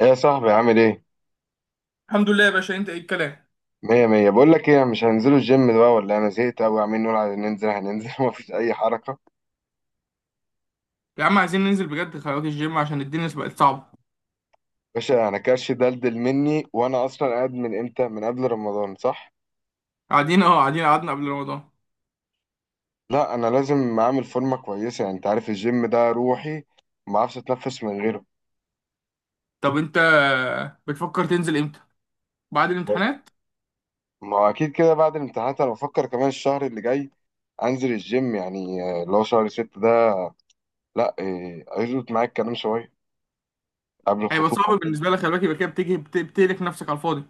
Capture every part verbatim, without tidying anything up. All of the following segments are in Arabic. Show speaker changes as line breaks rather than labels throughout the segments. ايه يا صاحبي عامل ايه؟
الحمد لله يا باشا، انت ايه الكلام؟
مية مية، بقول لك ايه، مش هننزلوا الجيم بقى؟ ولا انا زهقت قوي، عاملين نقول عايزين ننزل هننزل ومفيش اي حركة.
يا عم عايزين ننزل بجد، خلي الجيم عشان الدنيا بقت صعبة.
باشا انا كرش دلدل مني، وانا اصلا قاعد من امتى؟ من قبل رمضان صح؟
قاعدين اهو، قاعدين قعدنا قبل رمضان.
لا انا لازم اعمل فورمة كويسة، يعني انت عارف الجيم ده روحي، ما اعرفش اتنفس من غيره.
طب انت بتفكر تنزل امتى؟ بعد الامتحانات.
ما هو اكيد كده بعد الامتحانات، انا بفكر كمان الشهر اللي جاي انزل الجيم، يعني آه، اللي هو شهر ستة ده. لا إيه، هيظبط معايا الكلام شوية قبل
هيبقى
الخطوبة.
صعب بالنسبة لك، خلي بالك يبقى كده بتيجي بت- بتهلك نفسك على الفاضي.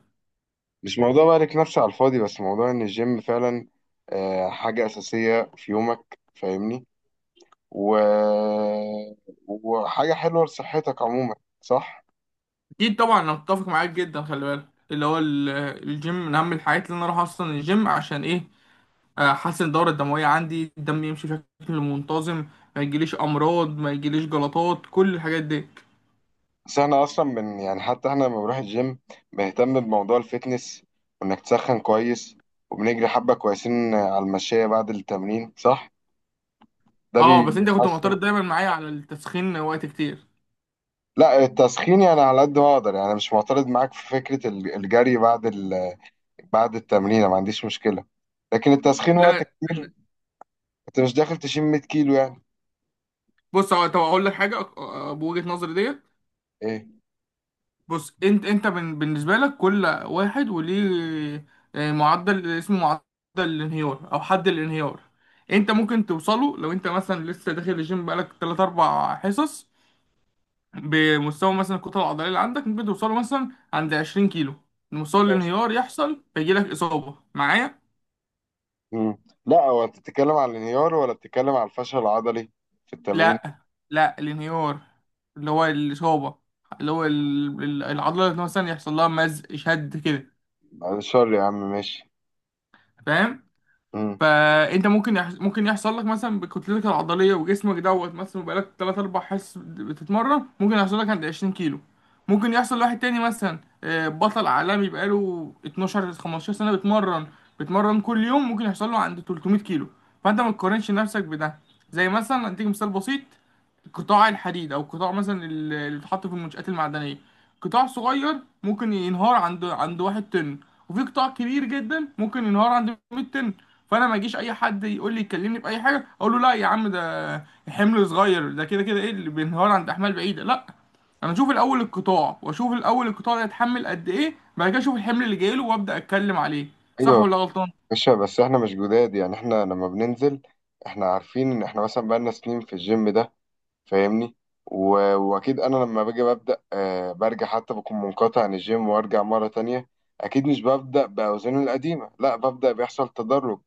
مش موضوع بقى لك نفسي على الفاضي، بس موضوع ان الجيم فعلا آه، حاجة أساسية في يومك، فاهمني؟ و... وحاجة حلوة لصحتك عموما، صح؟
اكيد طبعا انا متفق معاك جدا، خلي بالك اللي هو ال- الجيم من اهم الحاجات، اللي انا اروح اصلا الجيم عشان ايه؟ احسن الدورة الدموية عندي، الدم يمشي بشكل منتظم، ما يجيليش امراض، ما يجيليش جلطات، كل الحاجات دي.
بس احنا اصلا من، يعني حتى احنا لما بنروح الجيم بنهتم بموضوع الفتنس، وانك تسخن كويس، وبنجري حبة كويسين على المشاية بعد التمرين، صح؟ ده
اه، بس انت كنت
بيحسن.
معترض دايما معايا على التسخين وقت كتير.
لا التسخين يعني على قد ما اقدر، يعني مش معترض معاك في فكرة الجري بعد ال... بعد التمرين، ما عنديش مشكلة، لكن التسخين وقت
لا،
كتير. انت مش داخل تشيل 100 كيلو يعني.
بص هو، طب اقول لك حاجه أق- أ- بوجهه نظري ديت.
ايه،
بص، انت انت بن- بالنسبه لك كل واحد وليه آه، معدل، اسمه معدل الانهيار او حد الانهيار. انت ممكن توصله لو انت مثلا لسه داخل الجيم بقالك تلاتة أربع حصص، بمستوى مثلا الكتله العضليه اللي عندك ممكن توصله مثلا عند عشرين كيلو، مستوى
ماشي.
الانهيار يحصل فيجيلك اصابه معايا.
مم. لا هو انت بتتكلم على الانهيار ولا بتتكلم على الفشل العضلي في التمرين؟
لا لا الانهيار، اللي هو الإصابة، اللي هو ال- ال- العضلة مثلا يحصل لها مزق شد كده،
بعد الشر يا عم، ماشي.
فاهم؟
مم.
فانت ممكن يحص... ممكن يحصل لك مثلا بكتلتك العضليه وجسمك دوت مثلا بقالك تلاتة أربع حصص بتتمرن، ممكن يحصل لك عند عشرين كيلو. ممكن يحصل لواحد تاني مثلا آه، بطل عالمي بقاله اتناشر خمستاشر سنه بيتمرن، بيتمرن كل يوم، ممكن يحصل له عند تلتمية كيلو. فانت ما تقارنش نفسك بده. زي مثلا اديك مثال بسيط، قطاع الحديد او قطاع مثلا ال- اللي بيتحط في المنشآت المعدنيه، قطاع صغير ممكن ينهار عند عند واحد طن، وفي قطاع كبير جدا ممكن ينهار عند مية طن. فانا ما يجيش اي حد يقول لي يكلمني باي حاجه اقول له لا يا عم، ده حمل صغير، ده كده كده ايه اللي بينهار عند احمال بعيده. لا، انا اشوف الاول القطاع، واشوف الاول القطاع ده يتحمل قد ايه، بعد كده اشوف الحمل اللي جاي له وابدا اتكلم عليه. صح
ايوه.
ولا غلطان؟
ماشي، بس احنا مش جداد يعني، احنا لما بننزل احنا عارفين ان احنا مثلا بقالنا سنين في الجيم ده، فاهمني؟ و... واكيد انا لما باجي ببدا، آه برجع حتى بكون منقطع عن الجيم وارجع مره تانية، اكيد مش ببدا باوزاني القديمه، لا ببدا بيحصل تدرج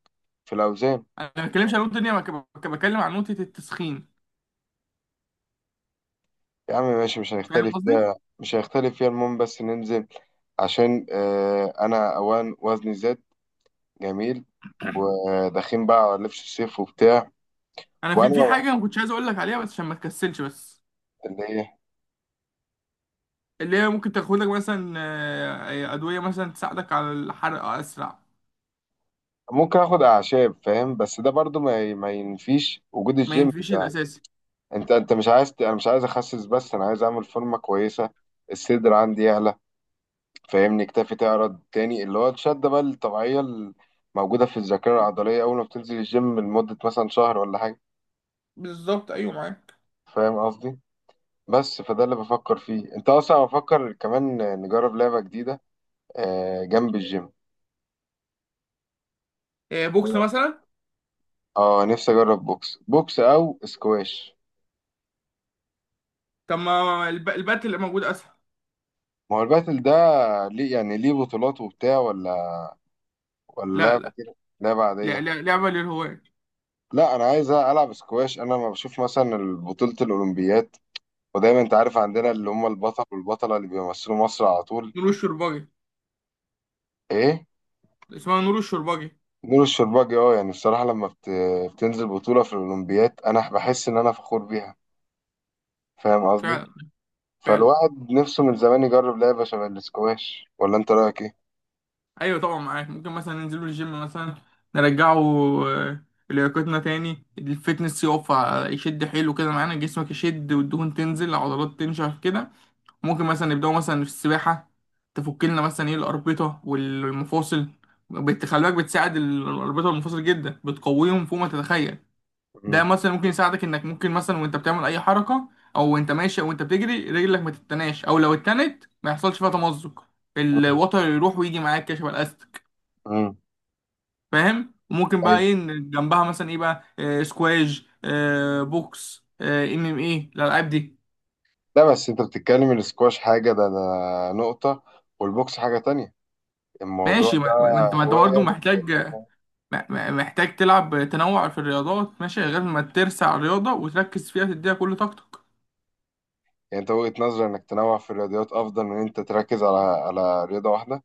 في الاوزان.
انا ما بتكلمش عن نقطه الدنيا، أنا بك- بتكلم عن نقطه التسخين.
يا عم ماشي، مش
فاهم
هنختلف
قصدي؟
فيها، مش هنختلف فيها، المهم بس ننزل، عشان آه انا اوان وزني زاد. جميل. وداخلين بقى على لبس الصيف وبتاع.
انا في
وانا
في
واحد
حاجه ما كنتش عايز اقول لك عليها بس عشان ما تكسلش، بس
اللي ايه.
اللي هي ممكن تاخد لك مثلا آه، آه، ادويه مثلا تساعدك على الحرق اسرع.
ممكن اخد اعشاب فاهم، بس ده برضو ما, ي- ما ينفيش وجود
ما
الجيم
ينفيش
ده.
الاساسي،
انت انت مش عايز ت- انا مش عايز اخسس، بس انا عايز اعمل فورمه كويسه، الصدر عندي يعلى، فاهمني؟ كتافي تعرض تاني، اللي هو الشده بقى الطبيعيه الموجوده في الذاكره العضليه اول ما بتنزل الجيم لمده مثلا شهر ولا حاجه.
بالظبط ايوه معاك.
فاهم قصدي؟ بس فده اللي بفكر فيه، انت اصلا بفكر كمان نجرب لعبة جديدة آه، جنب الجيم.
آه، بوكس مثلا.
اه نفسي اجرب بوكس، بوكس او سكواش.
طب ما الب- البات اللي موجود اسهل.
ما هو الباتل ده ليه؟ يعني ليه بطولات وبتاع، ولا ولا
لا
لعبة
لا،
كده؟ لعبة
لا
عادية؟
لا لعبه للهواة.
لا انا عايز العب سكواش. انا لما بشوف مثلا بطولة الاولمبيات، ودايما انت عارف عندنا اللي هم البطل والبطلة اللي بيمثلوا مصر على طول،
نور الشرباجي.
ايه،
اسمها نور الشرباجي.
نور الشرباجي. اه، يعني بصراحة لما بت... بتنزل بطولة في الاولمبيات، انا بحس ان انا فخور بيها، فاهم قصدي؟
فعلا. فعلا،
فالواحد نفسه من زمان يجرب لعبة شبه الاسكواش، ولا انت رأيك ايه؟
ايوه طبعا معاك، ممكن مثلا ننزله الجيم مثلا، نرجعه آه، لياقتنا تاني، الفتنس يقف ع- يشد حيله كده معانا، جسمك يشد والدهون تنزل العضلات تنشف كده. ممكن مثلا نبداو مثلا في السباحه، تفك لنا مثلا ايه الاربطه والمفاصل. بت- خلي بالك بتساعد الاربطه والمفاصل جدا، بتقويهم فوق ما تتخيل. ده
مم.
مثلا ممكن يساعدك انك ممكن مثلا وانت بتعمل اي حركه او وانت ماشي او انت بتجري، رجلك ما تتناش، او لو اتنت ما يحصلش فيها تمزق،
مم.
الوتر يروح ويجي معاك كشبه الاستك،
مم.
فاهم؟ وممكن بقى
أيوة.
ايه إن جنبها مثلا ايه بقى، آه سكواش، آه بوكس، آه، ام ام ايه الالعاب دي.
لا بس انت بتتكلم، الاسكواش حاجة، ده, ده نقطة، والبوكس حاجة تانية. الموضوع
ماشي،
ده
ما ما انت، ما انت
هواية
برضه
يعني.
محتاج، ما- ما- محتاج تلعب تنوع في الرياضات. ماشي، غير ما ترسع رياضه وتركز فيها تديها كل طاقتك.
انت وجهة نظري انك تنوع في الرياضيات افضل من انت تركز على على رياضة واحدة.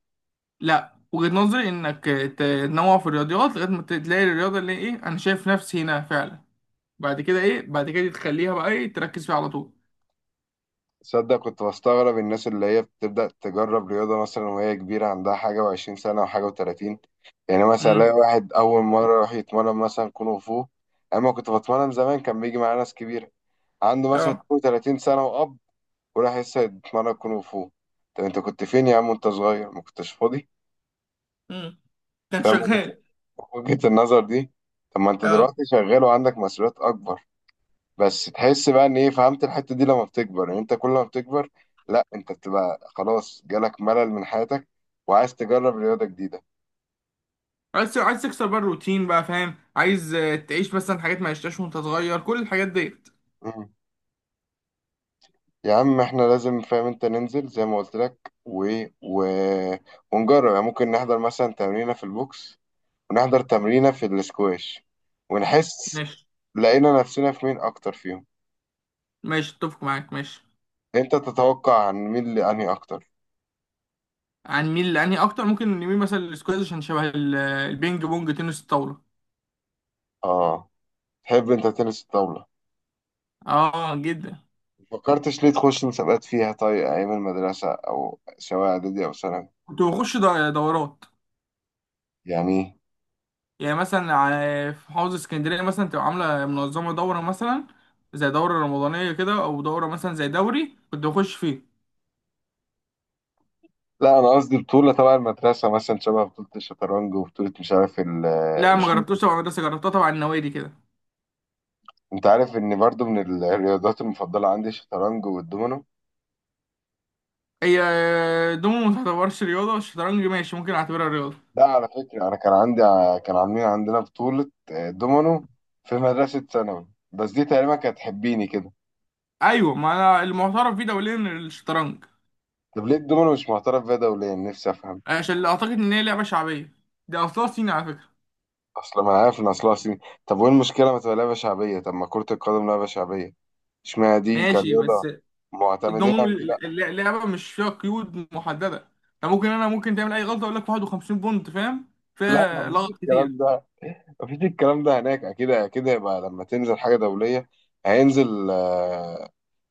لا، وجهة نظري انك تنوع في الرياضيات لغايه ما تلاقي الرياضه اللي ايه انا شايف نفسي هنا فعلا. بعد كده ايه؟ بعد كده تخليها بقى ايه، تركز فيها على طول.
تصدق كنت بستغرب الناس اللي هي بتبدأ تجرب رياضة مثلا وهي كبيرة، عندها حاجة وعشرين سنة وحاجة وتلاتين؟ يعني مثلا الاقي
امم.
واحد أول مرة راح يتمرن مثلا كونغ فو. أما كنت بتمرن زمان، كان بيجي معايا ناس كبيرة، عنده مثلا
اه.
32 سنة وأب وراح لسه يتمرن كونغ فو. طب أنت كنت فين يا عم وأنت صغير؟ ما كنتش فاضي.
امم كان
فاهم وجهة
شغال.
وجهة النظر دي؟ طب ما أنت
اه،
دلوقتي شغال وعندك مسؤوليات أكبر، بس تحس بقى إن إيه، فهمت الحتة دي؟ لما بتكبر، يعني أنت كل ما بتكبر، لا أنت بتبقى خلاص جالك ملل من حياتك وعايز تجرب رياضة جديدة.
عايز، عايز تكسر بقى الروتين بقى، فاهم، عايز آه، تعيش مثلا حاجات ما عشتهاش وانت صغير، كل الحاجات ديت.
مم. يا عم احنا لازم فاهم انت ننزل زي ما قلت لك، و... و... ونجرب، يعني ممكن نحضر مثلا تمرينة في البوكس ونحضر تمرينة في الاسكواش ونحس
ماشي.
لقينا نفسنا في مين أكتر فيهم.
ماشي اتفق معاك ماشي.
أنت تتوقع عن مين اللي أنهي أكتر؟
هنميل، لاني اكتر ممكن نميل مثلا للسكواش عشان شبه ال- البينج بونج تنس الطاوله.
آه، تحب أنت تنس الطاولة؟
اه جدا.
فكرتش ليه تخش مسابقات فيها، طيب أيام المدرسة، أو سواء إعدادي أو ثانوي
كنت بخش دو- دورات.
يعني؟
يعني مثلا ع- في محافظة اسكندرية مثلا تبقى عاملة منظمة دورة مثلا زي دورة رمضانية كده، أو دورة مثلا زي دوري كنت بخش فيه.
لا أنا قصدي بطولة تبع المدرسة مثلا، شبه بطولة الشطرنج، وبطولة مش عارف ال-
لا ما
الجودو.
جربتوش تبع مدرسة، جربتها تبع النوادي كده.
أنت عارف إن برضو من الرياضات المفضلة عندي الشطرنج والدومينو؟
هي دومو ما تعتبرش رياضة، الشطرنج ماشي ممكن أعتبرها رياضة.
لا على فكرة أنا كان عندي، كان عاملين عندنا بطولة آه، دومينو في مدرسة ثانوي، بس دي تقريبا كانت تحبيني كده.
أيوة، ما أنا المعترف بيه دوليا الشطرنج.
طب ليه الدومينو مش معترف بيها دوليا؟ نفسي أفهم.
عشان اللي أعتقد إن هي لعبة شعبية، دي أصلها صيني على فكرة.
أصل ما أنا عارف إن أصلها صيني، طب وإيه المشكلة ما تبقى لعبة شعبية؟ طب ما كرة القدم لعبة شعبية، إشمعنى دي
ماشي،
كرياضة
بس
معتمدين
الدومو
على دي؟ لا
ال- ال- لعبة مش فيها قيود محددة، يعني ممكن أنا ممكن تعمل أي غلطة أقول لك واحد وخمسين بونت، فاهم،
لا،
فيها
مفيش
لغط كتير.
الكلام ده، مفيش الكلام ده هناك، أكيد أكيد هيبقى لما تنزل حاجة دولية هينزل آه،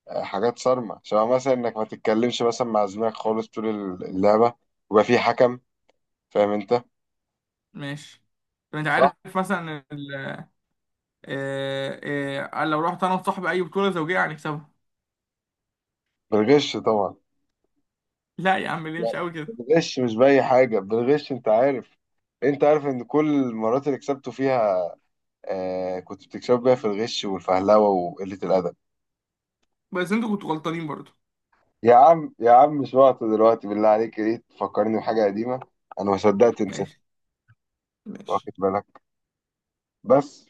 آه، حاجات صارمة شبه مثلا إنك ما تتكلمش مثلا مع زميلك خالص طول اللعبة، ويبقى في حكم. فاهم انت؟
ماشي، طب انت عارف
صح.
مثلا ال... آه، آه، لو رحت انا وصاحبي اي بطولة زوجية هنكسبها.
بالغش طبعا.
لا يا عم ليه،
لا
مش قوي كده.
بالغش، مش باي حاجه، بالغش. انت عارف، انت عارف ان كل المرات اللي كسبته فيها، آه كنت بتكسب بيها في الغش والفهلوه وقله الادب.
بس انتوا كنتوا غلطانين برضو.
يا عم يا عم مش وقت دلوقتي، بالله عليك ليه تفكرني بحاجه قديمه؟ انا ما صدقت نسيت.
ماشي. ماشي.
واخد بالك. بس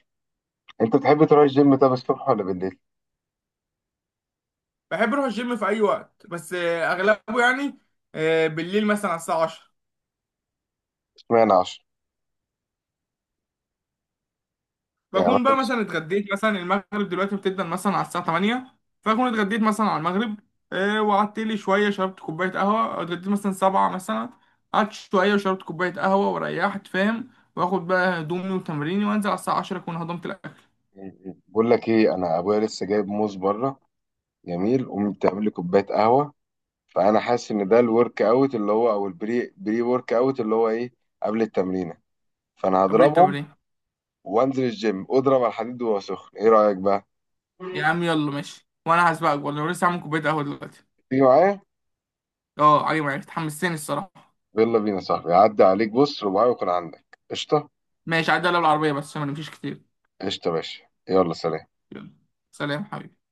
انت بتحب تروح الجيم، طب الصبح ولا بالليل؟
بحب اروح الجيم في اي وقت، بس آه، اغلبه يعني آه، بالليل مثلا على الساعة عشرة.
اشمعنى عشرة؟ يعني
بكون
مثلا.
بقى مثلا اتغديت، مثلا المغرب دلوقتي بتبدأ مثلا على الساعة تمانية، فأكون اتغديت مثلا على المغرب، آه، وقعدت لي شوية، شربت كوباية قهوة، اتغديت مثلا سبعة مثلا، قعدت شوية وشربت كوباية قهوة وريحت، فاهم؟ وآخد بقى هدومي وتمريني وأنزل على الساعة عشرة أكون هضمت الأكل.
بقول لك ايه، انا ابويا لسه جايب موز بره، جميل، قوم تعمل لي كوبايه قهوه، فانا حاسس ان ده الورك اوت اللي هو، او البري بري ورك اوت اللي هو ايه، قبل التمرينه، فانا
قبل
هضربهم
التمرين.
وانزل الجيم اضرب على الحديد وهو سخن، ايه رايك بقى؟
يا عم يلا ماشي، وأنا هسبقك، والله لسه عامل كوباية قهوة دلوقتي.
تيجي معايا؟
أه عجبك، حمستني الصراحة.
يلا بينا يا صاحبي، عدى عليك، بص رباعي ويكون عندك قشطه.
ماشي، عدى عليا بالعربية بس عشان ما نمشيش كتير.
قشطه يا باشا، يلا سلام.
يلا، سلام حبيبي.